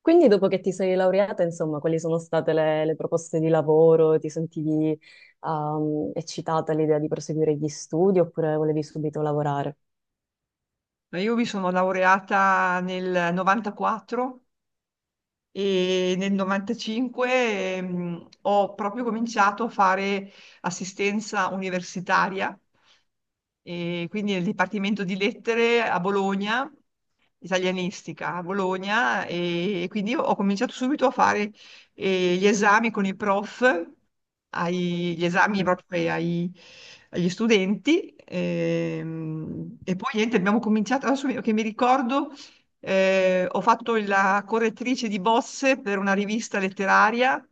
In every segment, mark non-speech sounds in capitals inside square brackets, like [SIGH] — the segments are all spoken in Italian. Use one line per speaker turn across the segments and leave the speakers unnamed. Quindi dopo che ti sei laureata, insomma, quali sono state le proposte di lavoro? Ti sentivi, eccitata all'idea di proseguire gli studi oppure volevi subito lavorare?
Ma io mi sono laureata nel 94 e nel 95, ho proprio cominciato a fare assistenza universitaria, e quindi nel Dipartimento di Lettere a Bologna, italianistica a Bologna. E quindi ho cominciato subito a fare gli esami con i prof, gli esami proprio agli studenti, e poi niente, abbiamo cominciato. Adesso, che mi ricordo, ho fatto la correttrice di bozze per una rivista letteraria.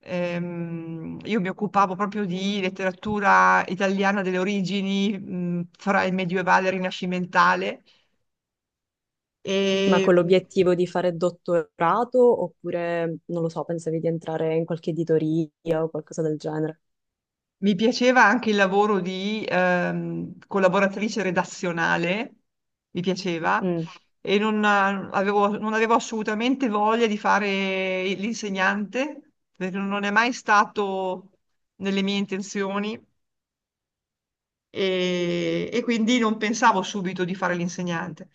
Io mi occupavo proprio di letteratura italiana delle origini, fra il medievale e il rinascimentale,
Ma
e
con l'obiettivo di fare dottorato oppure, non lo so, pensavi di entrare in qualche editoria o qualcosa del genere?
mi piaceva anche il lavoro di collaboratrice redazionale, mi piaceva.
Mm.
E non non avevo assolutamente voglia di fare l'insegnante, perché non è mai stato nelle mie intenzioni. E quindi non pensavo subito di fare l'insegnante.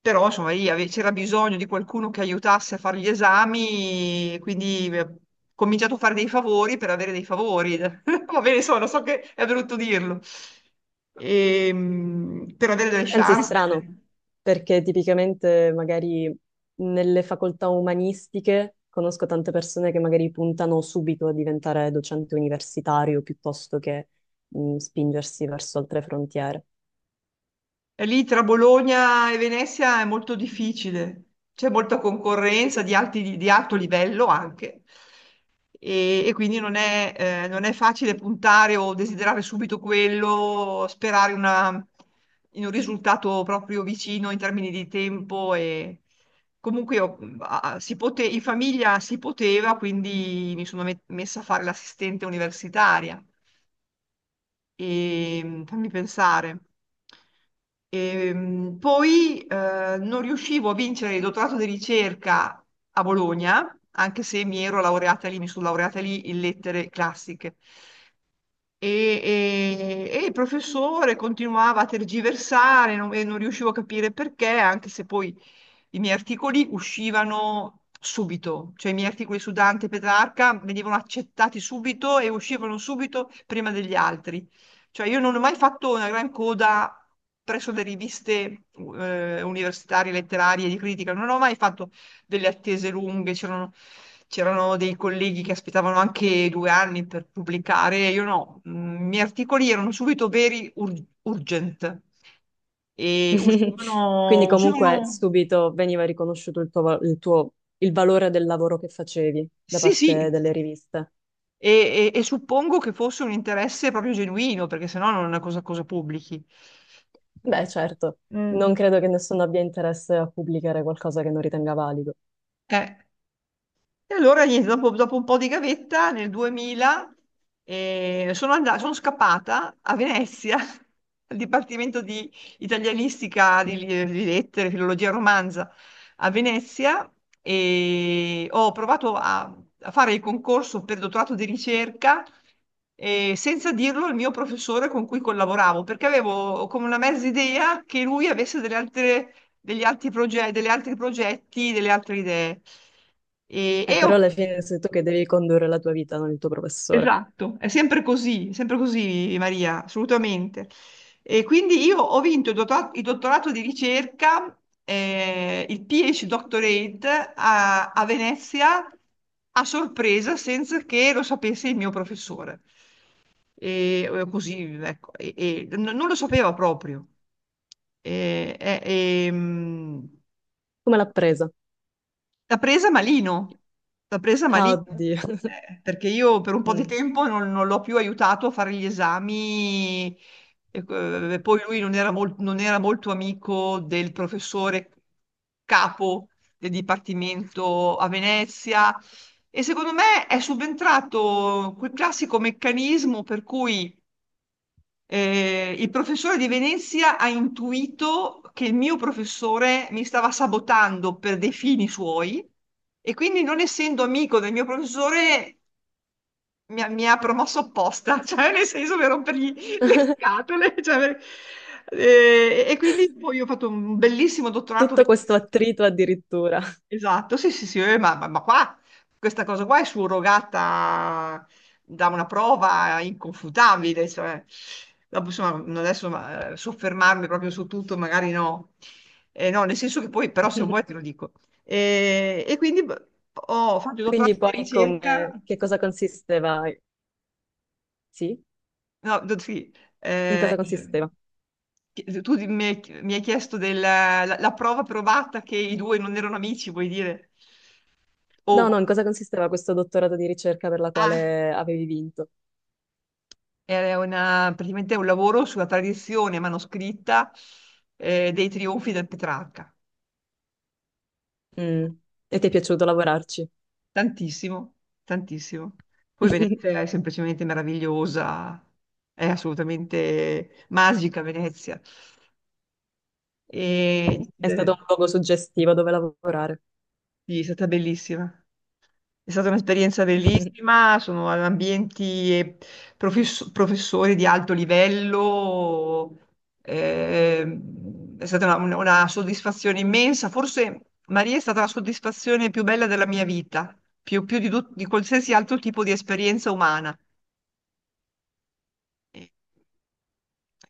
Però insomma lì c'era bisogno di qualcuno che aiutasse a fare gli esami, quindi ho cominciato a fare dei favori per avere dei favori. [LAUGHS] Va bene, insomma, non so, che è brutto dirlo. Per avere delle
Anzi,
chance,
strano,
delle.
perché tipicamente magari nelle facoltà umanistiche conosco tante persone che magari puntano subito a diventare docente universitario piuttosto che spingersi verso altre frontiere.
E lì tra Bologna e Venezia è molto difficile, c'è molta concorrenza di alto livello anche. E quindi non è, non è facile puntare o desiderare subito quello, sperare in un risultato proprio vicino in termini di tempo. E comunque io, in famiglia si poteva, quindi mi sono messa a fare l'assistente universitaria. E fammi pensare. E, poi non riuscivo a vincere il dottorato di ricerca a Bologna, anche se mi ero laureata lì, mi sono laureata lì in lettere classiche. E, e il professore continuava a tergiversare, e non riuscivo a capire perché, anche se poi i miei articoli uscivano subito, cioè i miei articoli su Dante e Petrarca venivano accettati subito e uscivano subito prima degli altri. Cioè io non ho mai fatto una gran coda presso le riviste universitarie, letterarie, di critica. Non ho mai fatto delle attese lunghe. C'erano dei colleghi che aspettavano anche due anni per pubblicare, io no. I miei articoli erano subito veri urgent e
[LAUGHS] Quindi
uscivano,
comunque
uscivano.
subito veniva riconosciuto il tuo, va- il tuo- il valore del lavoro che facevi da
Sì,
parte
sì,
delle riviste.
e, e suppongo che fosse un interesse proprio genuino, perché sennò non è una cosa, cosa pubblichi. Eh,
Beh, certo, non
Mm.
credo che nessuno abbia interesse a pubblicare qualcosa che non ritenga valido.
eh. E allora, niente, dopo, dopo un po' di gavetta, nel 2000, sono andata, sono scappata a Venezia, [LAUGHS] al Dipartimento di Italianistica, di,
[LAUGHS]
di Lettere, Filologia e Romanza, a Venezia. E ho provato a fare il concorso per dottorato di ricerca, senza dirlo al mio professore con cui collaboravo, perché avevo come una mezza idea che lui avesse delle altre degli altri progetti, delle altre idee. E, e ho-
Però alla fine sei tu che devi condurre la tua vita, non il tuo professore.
esatto, è sempre così, Maria, assolutamente. E quindi io ho vinto il dottorato di ricerca, il PhD Doctorate a Venezia, a sorpresa senza che lo sapesse il mio professore. E così, ecco, non lo sapeva proprio. E, e- e, mm,
Come l'ha presa?
L'ha presa malino, l'ha presa
Ah,
malino,
oddio. [LAUGHS]
perché io per un po' di
Mm.
tempo non l'ho più aiutato a fare gli esami. E, poi lui non era molto amico del professore capo del dipartimento a Venezia. E secondo me è subentrato quel classico meccanismo per cui il professore di Venezia ha intuito che il mio professore mi stava sabotando per dei fini suoi, e quindi, non essendo amico del mio professore, mi ha promosso apposta, [LAUGHS] cioè nel senso per rompergli le scatole. Cioè, e quindi poi ho fatto un bellissimo dottorato
Tutto questo
veneziano.
attrito addirittura.
Esatto, sì, sì, sì, ma qua, questa cosa qua è surrogata da una prova inconfutabile, cioè. Dopo, insomma, non adesso, ma soffermarmi proprio su tutto magari no. No, nel senso che poi, però se
[LAUGHS]
vuoi te lo dico. E quindi beh, ho fatto il
Quindi
dottorato di
poi
ricerca.
come, che cosa consisteva? Sì?
No, sì.
In
eh,
cosa consisteva?
chi- tu di- mi hai chiesto la prova provata che i due non erano amici, vuoi dire?
No, no,
O-
in cosa consisteva questo dottorato di ricerca per la
ah,
quale avevi vinto?
Era praticamente un lavoro sulla tradizione manoscritta dei trionfi del Petrarca.
Mm. E ti è piaciuto lavorarci?
Tantissimo, tantissimo. Poi Venezia
[LAUGHS]
è semplicemente meravigliosa, è assolutamente magica Venezia. E
È stato un luogo suggestivo dove lavorare.
sì, è stata bellissima. È stata un'esperienza
[LAUGHS]
bellissima, sono ad ambienti e professori di alto livello. eh, è stata una soddisfazione immensa. Forse Maria è stata la soddisfazione più bella della mia vita, più, più di qualsiasi altro tipo di esperienza umana. E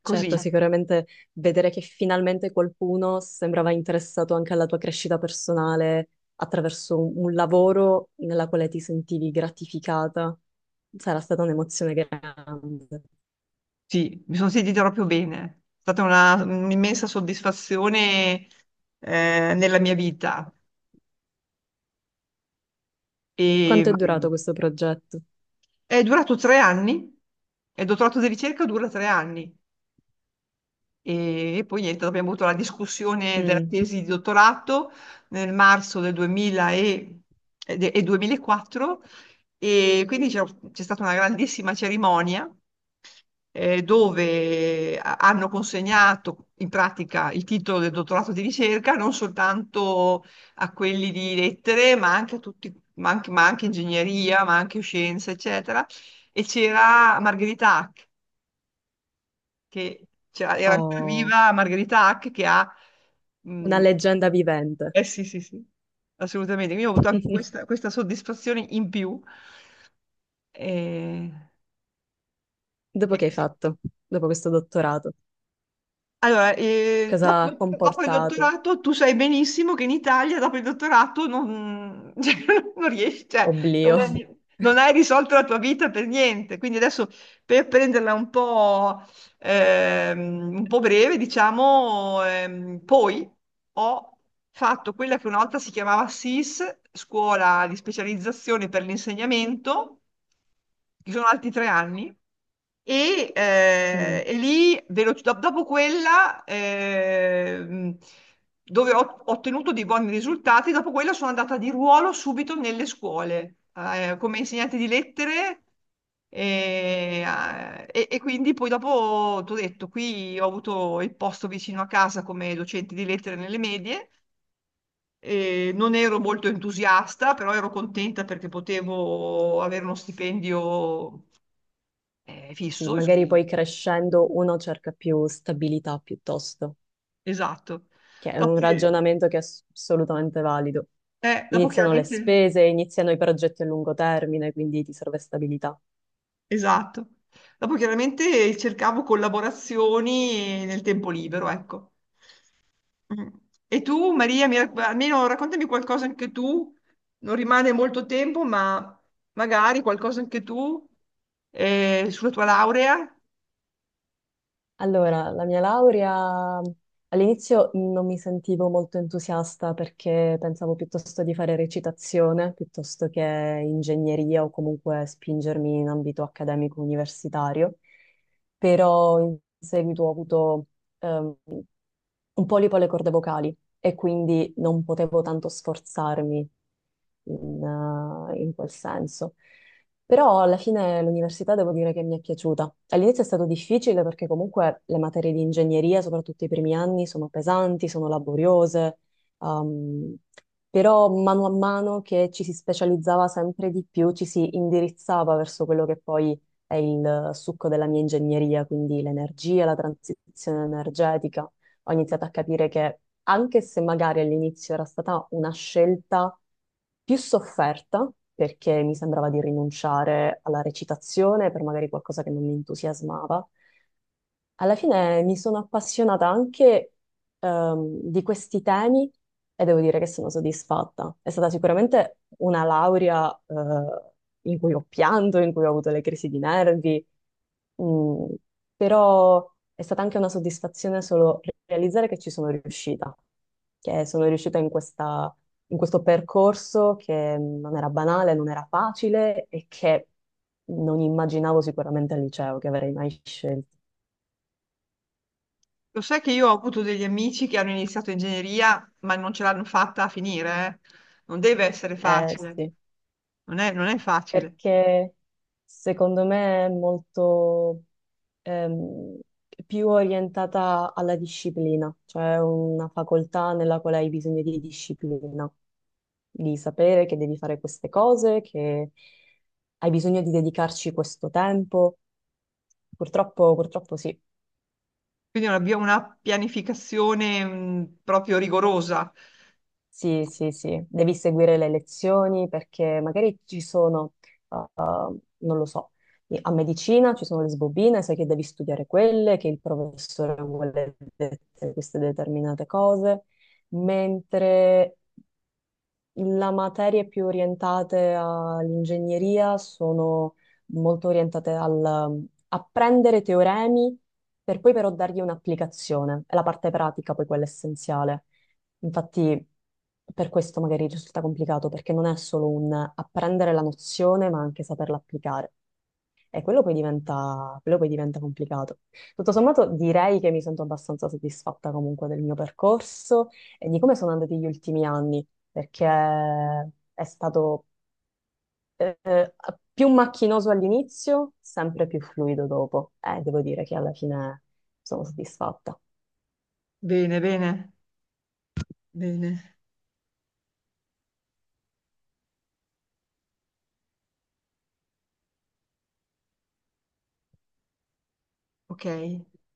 così,
Certo,
certo.
sicuramente vedere che finalmente qualcuno sembrava interessato anche alla tua crescita personale attraverso un lavoro nella quale ti sentivi gratificata, sarà stata un'emozione grande.
Sì, mi sono sentita proprio bene. È stata un'immensa soddisfazione, nella mia vita. E,
Quanto è durato questo progetto?
È durato tre anni, il dottorato di ricerca dura tre anni, e poi niente, dopo abbiamo avuto la discussione della
Mm.
tesi di dottorato nel marzo del 2000 e 2004. E quindi c'è stata una grandissima cerimonia, dove hanno consegnato in pratica il titolo del dottorato di ricerca non soltanto a quelli di lettere, ma anche a tutti, ma anche ingegneria, ma anche scienze, eccetera. E c'era Margherita Hack, che era ancora
Oh,
viva Margherita Hack, che ha.
una
mh,
leggenda vivente.
eh sì, sì, sì, assolutamente. Quindi ho avuto anche
[LAUGHS]
questa soddisfazione in più. Eh,
Dopo
E,
che hai fatto, Dopo questo dottorato,
Allora,
cosa ha
dopo il
comportato?
dottorato tu sai benissimo che in Italia dopo il dottorato non, [LAUGHS] cioè, non riesci, cioè, non
Oblio.
è- non hai risolto la tua vita per niente. Quindi adesso per prenderla un po' breve, diciamo, poi ho fatto quella che una volta si chiamava SIS, scuola di specializzazione per l'insegnamento, che sono altri tre anni. E,
Mm,
eh, e lì, dopo quella, dove ho ottenuto dei buoni risultati. Dopo quella sono andata di ruolo subito nelle scuole, come insegnante di lettere, e quindi poi dopo ti ho detto, qui ho avuto il posto vicino a casa come docente di lettere nelle medie. E non ero molto entusiasta, però ero contenta perché potevo avere uno stipendio
sì,
fisso,
magari
insomma.
poi crescendo uno cerca più stabilità piuttosto,
Esatto.
che è un
Dopo,
ragionamento che è assolutamente valido.
dopo
Iniziano le
chiaramente,
spese, iniziano i progetti a lungo termine, quindi ti serve stabilità.
esatto. Dopo chiaramente cercavo collaborazioni nel tempo libero, ecco. Mm. E tu, Maria, almeno raccontami qualcosa anche tu. Non rimane molto tempo, ma magari qualcosa anche tu sulla tua laurea.
Allora, la mia laurea all'inizio non mi sentivo molto entusiasta perché pensavo piuttosto di fare recitazione piuttosto che ingegneria o comunque spingermi in ambito accademico universitario, però in seguito ho avuto ehm, un polipo alle corde vocali e quindi non potevo tanto sforzarmi in, in quel senso. Però alla fine l'università devo dire che mi è piaciuta. All'inizio è stato difficile perché comunque le materie di ingegneria, soprattutto i primi anni, sono pesanti, sono laboriose, ehm, però mano a mano che ci si specializzava sempre di più, ci si indirizzava verso quello che poi è il succo della mia ingegneria, quindi l'energia, la transizione energetica. Ho iniziato a capire che anche se magari all'inizio era stata una scelta più sofferta, perché mi sembrava di rinunciare alla recitazione per magari qualcosa che non mi entusiasmava, alla fine mi sono appassionata anche di questi temi e devo dire che sono soddisfatta. È stata sicuramente una laurea in cui ho pianto, in cui ho avuto le crisi di nervi, mm, però è stata anche una soddisfazione solo realizzare che ci sono riuscita, che sono riuscita in questo percorso che non era banale, non era facile e che non immaginavo sicuramente al liceo che avrei mai scelto.
Lo sai che io ho avuto degli amici che hanno iniziato ingegneria, ma non ce l'hanno fatta a finire, eh. Non deve essere
Eh
facile.
sì,
Non è facile.
perché secondo me è molto ehm, più orientata alla disciplina, cioè è una facoltà nella quale hai bisogno di disciplina, di sapere che devi fare queste cose, che hai bisogno di dedicarci questo tempo. Purtroppo, purtroppo sì.
Quindi abbiamo una pianificazione, proprio rigorosa.
Sì, sì, sì, devi seguire le lezioni perché magari ci sono, uh, non lo so, a medicina ci sono le sbobine, sai che devi studiare quelle, che il professore vuole queste determinate cose, mentre la materie più orientate all'ingegneria sono molto orientate al mm, apprendere teoremi per poi però dargli un'applicazione. È la parte pratica poi quella essenziale. Infatti per questo magari risulta complicato perché non è solo un apprendere la nozione ma anche saperla applicare. E quello poi diventa complicato. Tutto sommato direi che mi sento abbastanza soddisfatta comunque del mio percorso e di come sono andati gli ultimi anni, perché è stato eh, più macchinoso all'inizio, sempre più fluido dopo. E devo dire che alla fine sono soddisfatta.
Bene, bene, bene. Ok.